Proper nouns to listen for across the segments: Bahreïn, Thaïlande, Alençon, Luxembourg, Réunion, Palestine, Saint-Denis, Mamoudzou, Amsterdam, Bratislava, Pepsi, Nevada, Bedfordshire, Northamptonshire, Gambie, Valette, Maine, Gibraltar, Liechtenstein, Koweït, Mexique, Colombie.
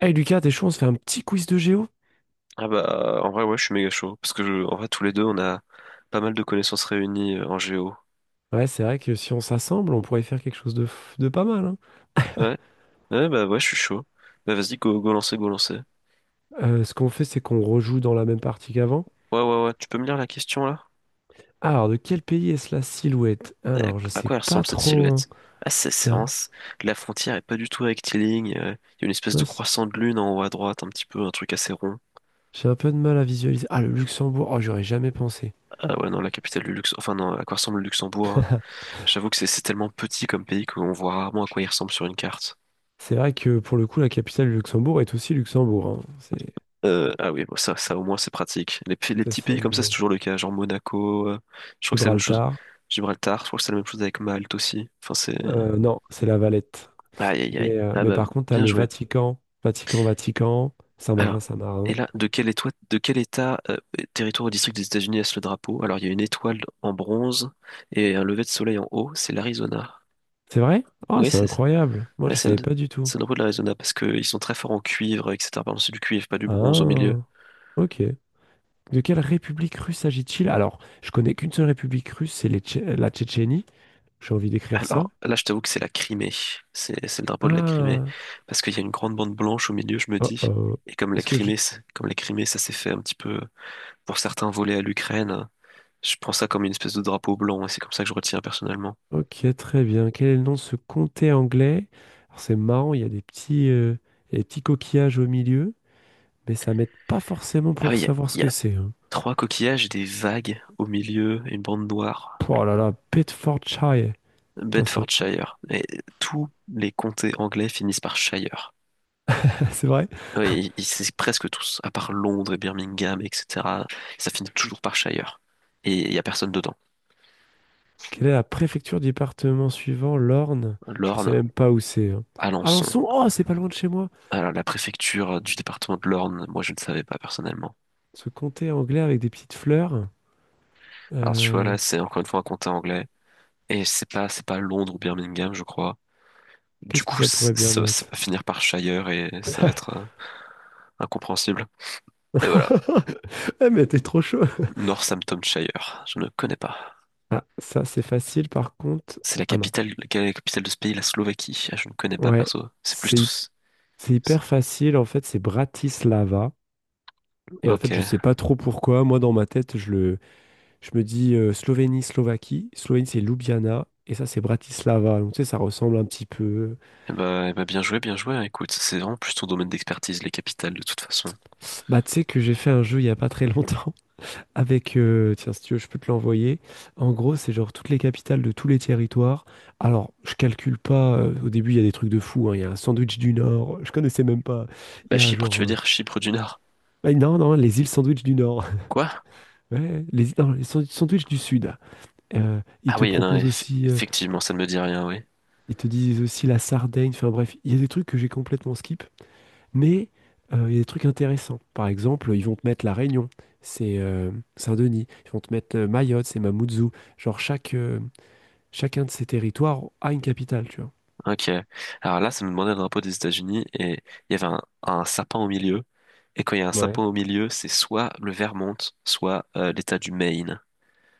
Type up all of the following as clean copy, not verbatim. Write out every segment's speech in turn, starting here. Hey Lucas, t'es chaud, on se fait un petit quiz de géo? Ah bah en vrai, ouais, je suis méga chaud parce que en vrai tous les deux on a pas mal de connaissances réunies en géo. Ouais, c'est vrai que si on s'assemble, on pourrait faire quelque chose de pas mal, hein. Ouais, ouais, bah ouais, je suis chaud. Bah vas-y, go, go lancer, go lancer. Ce qu'on fait, c'est qu'on rejoue dans la même partie qu'avant. Ouais, ouais, ouais, tu peux me lire la question là? Alors, de quel pays est-ce la silhouette? À Alors, je à sais quoi elle pas ressemble cette trop, hein. silhouette? Ah, c'est C'est vraiment un... la frontière est pas du tout rectiligne. Il y a une espèce de mince, croissant de lune en haut à droite, un petit peu un truc assez rond. j'ai un peu de mal à visualiser. Ah, le Luxembourg. Oh, j'aurais jamais pensé. Ah ouais, non, la capitale du Luxembourg, enfin non, à quoi ressemble le Luxembourg? J'avoue que c'est tellement petit comme pays qu'on voit rarement à quoi il ressemble sur une carte. C'est vrai que pour le coup, la capitale du Luxembourg est aussi Luxembourg, hein. C'est Ah oui, bon, ça au moins c'est pratique. Les c'est petits assez pays comme ça, c'est amusant. toujours le cas. Genre Monaco, je crois que c'est la même chose. Gibraltar. Gibraltar, je crois que c'est la même chose avec Malte aussi. Enfin, c'est. Non, c'est la Valette. Aïe, aïe, aïe. Mais, euh, Ah mais bah, par contre, t'as bien le joué. Vatican. Vatican, Vatican. Alors, Saint-Marin, et Saint-Marin. là, de quel état, territoire ou district des États-Unis est-ce le drapeau? Alors, il y a une étoile en bronze et un lever de soleil en haut, c'est l'Arizona. C'est vrai? Oh, Oui, c'est c'est incroyable. Moi, Ouais, je c'est savais le, pas du tout. c'est le drapeau de l'Arizona parce qu'ils sont très forts en cuivre, etc. Pardon, c'est du cuivre, pas du bronze au milieu. Ah, ok. De quelle république russe s'agit-il? Alors, je connais qu'une seule république russe, c'est la Tchétchénie. J'ai envie d'écrire ça. Alors là, je t'avoue que c'est la Crimée. C'est le drapeau de la Crimée. Ah, Parce qu'il y a une grande bande blanche au milieu, je me oh dis. oh. Et Est-ce que je... comme la Crimée, ça s'est fait un petit peu, pour certains, voler à l'Ukraine, je prends ça comme une espèce de drapeau blanc. Et c'est comme ça que je retiens personnellement. Ok, très bien. Quel est le nom de ce comté anglais? Alors, c'est marrant, il y a il y a des petits coquillages au milieu, mais ça m'aide pas forcément Ah oui, pour savoir ce il y que a c'est, hein. trois coquillages, des vagues au milieu, et une bande noire. Oh là là, Bedfordshire. Putain, c'est Bedfordshire. Et tous les comtés anglais finissent par Shire. c'est vrai? Oui, c'est presque tous, à part Londres et Birmingham, etc. Ça finit toujours par Shire. Et il y a personne dedans. Quelle est la préfecture du département suivant, l'Orne? Je ne sais L'Orne, même pas où c'est, hein. Alençon. Alençon, oh, c'est pas loin de chez moi. Alors, la préfecture du département de l'Orne, moi, je ne savais pas personnellement. Ce comté anglais avec des petites fleurs. Alors, tu vois, Euh, là, c'est encore une fois un comté anglais. Et c'est pas Londres ou Birmingham, je crois. Du Qu'est-ce que coup, ça pourrait bien ça, ça va être? finir par Shire et ça va être incompréhensible. Et voilà. Eh, mais t'es trop chaud. Northamptonshire. Je ne connais pas. Ah, ça, c'est facile, par contre. C'est la Ah non. capitale, quelle est la capitale de ce pays? La Slovaquie. Ah, je ne connais pas, Ouais, perso. C'est plus c'est hy- tous. c'est hyper facile. En fait, c'est Bratislava. Et en Ok. fait, je sais pas trop pourquoi. Moi, dans ma tête, je me dis Slovénie, Slovaquie. Slovénie, c'est Ljubljana. Et ça, c'est Bratislava. Donc, tu sais, ça ressemble un petit peu. Eh ben, bien joué, bien joué, hein. Écoute, c'est vraiment plus ton domaine d'expertise, les capitales, de toute façon. Bah, tu sais que j'ai fait un jeu il y a pas très longtemps tiens, si tu veux, je peux te l'envoyer. En gros, c'est genre toutes les capitales de tous les territoires. Alors, je calcule pas. Au début, il y a des trucs de fou, hein. Il y a un sandwich du Nord. Je connaissais même pas. Bah, Il y a Chypre, tu veux dire Chypre du Nord? Non, non, les îles sandwich du Nord. Quoi? Ouais, non, sandwich du Sud. Ils Ah te oui, non, proposent aussi, effectivement, ça ne me dit rien, oui. ils te disent aussi la Sardaigne. Enfin bref, il y a des trucs que j'ai complètement skip. Mais il y a des trucs intéressants. Par exemple, ils vont te mettre La Réunion, c'est Saint-Denis. Ils vont te mettre Mayotte, c'est Mamoudzou. Genre, chacun de ces territoires a une capitale, tu vois. Ok. Alors là, ça me demandait le drapeau des États-Unis et il y avait un sapin au milieu. Et quand il y a un sapin Ouais. au milieu, c'est soit le Vermont, soit l'État du Maine.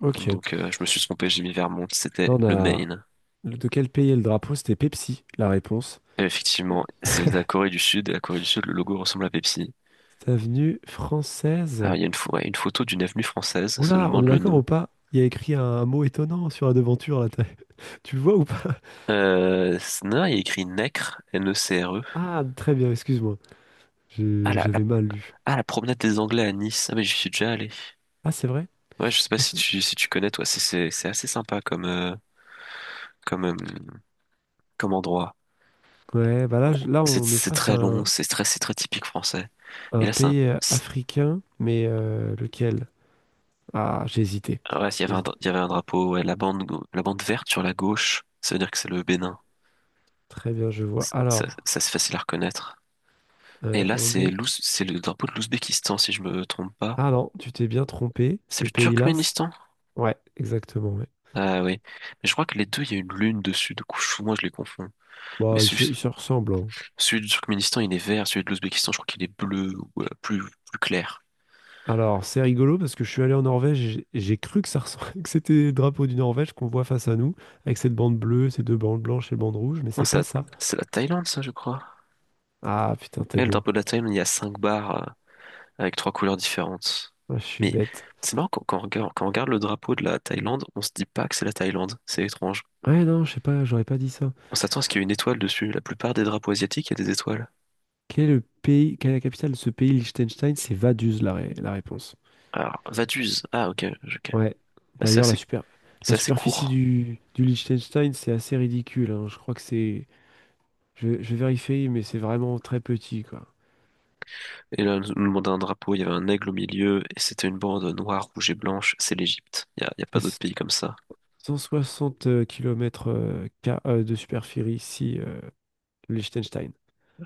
Ok. Donc je me suis trompé, Là, j'ai mis Vermont, c'était on le a... Maine. De quel pays est le drapeau? C'était Pepsi, la réponse. Et effectivement, c'est la Corée du Sud et la Corée du Sud, le logo ressemble à Pepsi. C'est Avenue Alors française. il y a une, ouais, une photo d'une avenue française, ça nous Oula, on est demande le d'accord ou nom. pas? Il y a écrit un mot étonnant sur la devanture, là. T'as- Tu le vois ou pas? Non, il y a écrit Necre, N-E-C-R-E. Ah, très bien, excuse-moi. Ah la, la, J'avais mal lu. ah, la promenade des Anglais à Nice. Ah mais j'y suis déjà allé. Ah, c'est vrai? Ouais, je sais pas Oh, si ça- tu si tu connais toi, c'est assez sympa comme comme euh, comme endroit. Ouais, bah là, là, C'est on est c'est face à très long, un... c'est très typique français. Et Un là, pays africain, mais lequel? Ah, j'ai hésité. ouais, il y J'ai avait il y hésité. avait un drapeau, ouais, la bande verte sur la gauche, ça veut dire que c'est le Bénin. Très bien, je vois. C- Ça Alors, ça c'est facile à reconnaître. Et là, on est... c'est le drapeau de l'Ouzbékistan si je me trompe pas. Ah non, tu t'es bien trompé. C'est Ce le pays-là, Turkménistan? ouais, exactement. Ouais. Ah oui. Mais je crois que les deux, il y a une lune dessus, du coup, moi je les confonds. Mais Bon, ils se, ils se ressemblent, hein. celui du Turkménistan, il est vert, celui de l'Ouzbékistan, je crois qu'il est bleu ou plus clair. Alors, c'est rigolo parce que je suis allé en Norvège et j'ai cru que ça ressemblait, que c'était le drapeau du Norvège qu'on voit face à nous, avec cette bande bleue, ces deux bandes blanches et bandes rouges, mais Non, c'est pas ça. c'est la Thaïlande, ça, je crois. Ah putain, t'es Ouais, le bon. drapeau de la Thaïlande, il y a cinq barres avec trois couleurs différentes. Ah, je suis Mais bête. c'est marrant, quand on regarde le drapeau de la Thaïlande, on se dit pas que c'est la Thaïlande. C'est étrange. Ouais, non, je sais pas, j'aurais pas dit ça. On s'attend à ce qu'il y ait une étoile dessus. La plupart des drapeaux asiatiques, il y a des étoiles. Quelle est la capitale de ce pays, Liechtenstein? C'est Vaduz, la réponse. Alors, Vaduz. Ah, ok. Ok. Ouais. Ah, D'ailleurs, la super, c'est la assez superficie court. du Liechtenstein, c'est assez ridicule, hein. Je crois que c'est. Je vais vérifier, mais c'est vraiment très petit, quoi. Et là, on nous demandait un drapeau, il y avait un aigle au milieu, et c'était une bande noire, rouge et blanche. C'est l'Égypte. Il y a pas d'autre C'est pays comme ça. 160 km de superficie, ici, le Liechtenstein.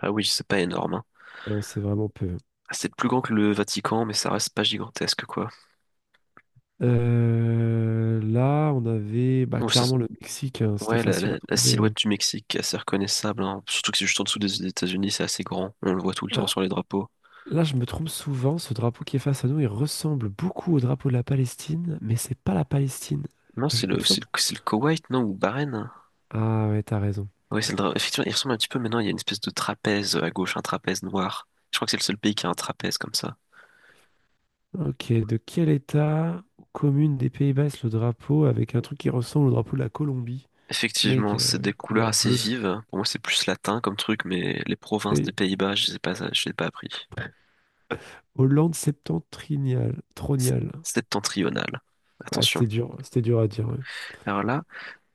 Ah oui, c'est pas énorme, hein. Non, c'est vraiment peu. Ah, c'est plus grand que le Vatican, mais ça reste pas gigantesque, quoi. Là, on avait bah, Oh, ça, clairement le Mexique, hein. C'était ouais, facile à la trouver, silhouette du Mexique est assez reconnaissable, hein. Surtout que c'est juste en dessous des États-Unis, c'est assez grand. On le voit tout le temps hein. sur les drapeaux. Là, je me trompe souvent, ce drapeau qui est face à nous, il ressemble beaucoup au drapeau de la Palestine, mais c'est pas la Palestine, Non, il me semble. C'est le Koweït, non, ou Bahreïn, hein. Ah ouais, t'as raison. Ouais, effectivement, il ressemble un petit peu maintenant. Il y a une espèce de trapèze à gauche, un trapèze noir. Je crois que c'est le seul pays qui a un trapèze comme ça. Ok, de quel état ou commune des Pays-Bas est le drapeau avec un truc qui ressemble au drapeau de la Colombie, mais Effectivement, qui a c'est des une couleurs couleur assez bleue? vives. Pour moi, c'est plus latin comme truc, mais les provinces des Et Pays-Bas, je sais pas, je l'ai pas appris. Hollande septentrionale, C'est troniale. c'est septentrional. Ouais, Attention. C'était dur à dire, ouais. Alors là,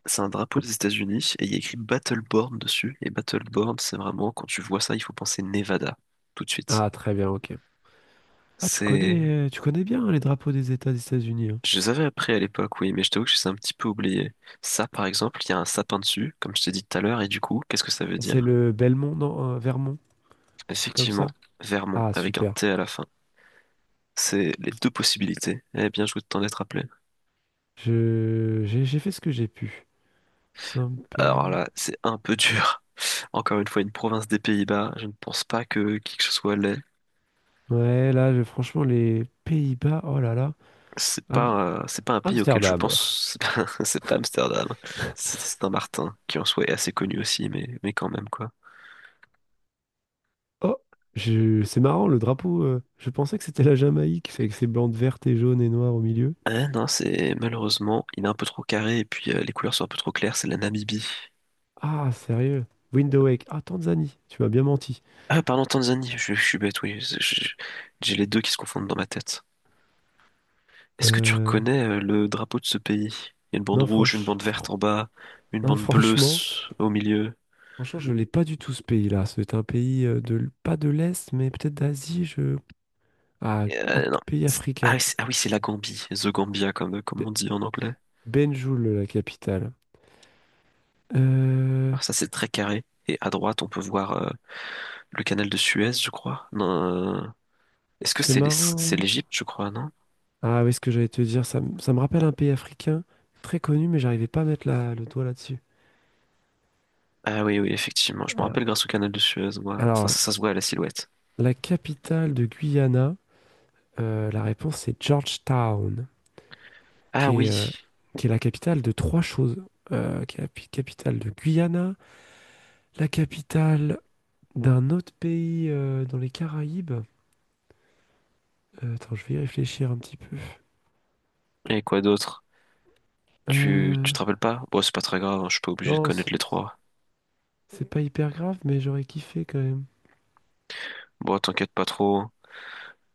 c'est un drapeau des États-Unis et il y a écrit Battleborn dessus. Et Battleborn, c'est vraiment, quand tu vois ça, il faut penser Nevada tout de suite. Ah, très bien, ok. Ah, tu C'est. connais, tu connais bien hein, les drapeaux des États-Unis, hein. Je les avais appris à l'époque, oui, mais je t'avoue que je les ai un petit peu oubliés. Ça, par exemple, il y a un sapin dessus, comme je t'ai dit tout à l'heure, et du coup, qu'est-ce que ça veut C'est dire? le Belmont, non, Vermont, un truc comme Effectivement, ça. Vermont, Ah, avec un super. T à la fin. C'est les deux possibilités. Eh bien, je vous t'en être rappelé. Je, j'ai fait ce que j'ai pu. Saint-Pé- Alors là, c'est un peu dur. Encore une fois, une province des Pays-Bas, je ne pense pas que qui que ce soit l'ait. Ouais, là, franchement, les Pays-Bas, oh là là. C'est Am- pas, euh, c'est pas un pays auquel je Amsterdam. pense, c'est pas, c'est pas Amsterdam, c'est Saint-Martin, qui en soi est assez connu aussi, mais, quand même quoi. Oh, c'est marrant, le drapeau. Je pensais que c'était la Jamaïque, avec ses bandes vertes et jaunes et noires au milieu. Ah non, c'est malheureusement, il est un peu trop carré et puis les couleurs sont un peu trop claires, c'est la Namibie. Ah, sérieux. Window Wake. Ah, Tanzanie, tu m'as bien menti. Ah, pardon, Tanzanie, je suis bête, oui, j'ai les deux qui se confondent dans ma tête. Est-ce que tu Euh, reconnais le drapeau de ce pays? Il y a une bande non, rouge, une bande verte en bas, une non, bande bleue franchement, au milieu. franchement, je l'ai pas du tout ce pays-là. C'est un pays pas de l'Est, mais peut-être d'Asie, je... Ah, ah, Non. pays Ah, africain. oui, c'est ah oui, c'est la Gambie, The Gambia comme, comme Be- on dit en anglais. Banjul, la capitale. Euh, Alors ça, c'est très carré. Et à droite, on peut voir le canal de Suez, je crois. Non, est-ce que c'est c'est marrant, hein. l'Égypte, je crois, non? Ah oui, ce que j'allais te dire, ça me rappelle un pays africain très connu, mais j'arrivais pas à mettre le doigt là-dessus. Ah oui, oui, effectivement. Je me Euh, rappelle grâce au canal de Suez, moi. Enfin, ça, Alors, ça se voit à la silhouette. la capitale de Guyana, la réponse c'est Georgetown, Ah qui oui. est, euh, qui est la capitale de trois choses. Qui est capitale de Guyana, la capitale d'un autre pays dans les Caraïbes. Attends, je vais y réfléchir un petit peu. Et quoi d'autre? Euh, Tu te rappelles pas? Bon, c'est pas très grave, hein, je suis pas obligé de non, connaître c'est les trois. c'est pas hyper grave, mais j'aurais kiffé quand même. Bon, t'inquiète pas trop, hein.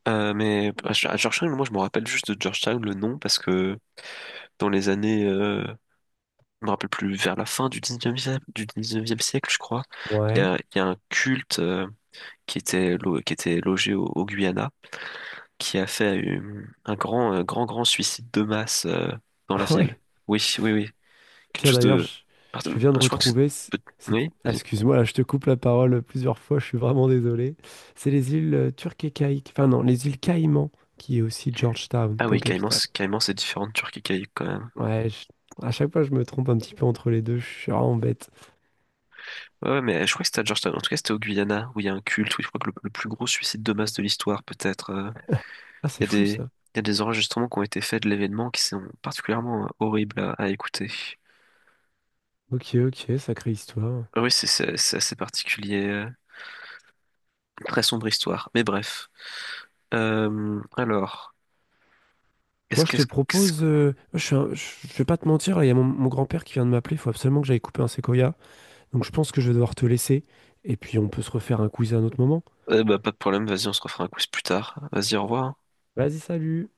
Mais à à Georgetown, moi, je me rappelle juste de Georgetown, le nom, parce que dans les années je me rappelle plus, vers la fin du dix-neuvième du 19e siècle, je crois, Ouais. Il y a un culte qui était, qui était logé au Guyana, qui a fait un grand, grand, grand suicide de masse dans la Ah ville. ouais. Oui, oui, oui. Quelque Tiens, chose d'ailleurs, de... je, Pardon, je viens de je crois que c'est... retrouver. Peut- cette- Oui, ah, vas-y. excuse-moi, là, je te coupe la parole plusieurs fois, je suis vraiment désolé. C'est les îles Turques et Caïques. Enfin, non, les îles Caïmans, qui est aussi Georgetown Ah oui, comme Caïman, capitale. Caïman, c'est différent de Turquie Caïque quand même. Ouais, à chaque fois, je me trompe un petit peu entre les deux, je suis vraiment bête. Ouais, ouais, mais je crois que c'était à Georgetown. En tout cas, c'était au Guyana, où il y a un culte, où je crois que le plus gros suicide de masse de l'histoire, peut-être. Ah, Il c'est y a fou des, ça. il y a des enregistrements qui ont été faits de l'événement qui sont particulièrement horribles à écouter. Ok, ok, sacrée histoire. Oui, c'est assez particulier. Très sombre histoire. Mais bref. Alors, est-ce Moi, je que... te est-ce propose. que- Je, suis un- je vais pas te mentir, là, il y a mon grand-père qui vient de m'appeler, il faut absolument que j'aille couper un séquoia. Donc, je pense que je vais devoir te laisser. Et puis, on peut se refaire un quiz à un autre moment. Bah, pas de problème, vas-y, on se refera un quiz plus tard. Vas-y, au revoir. Vas-y, salut!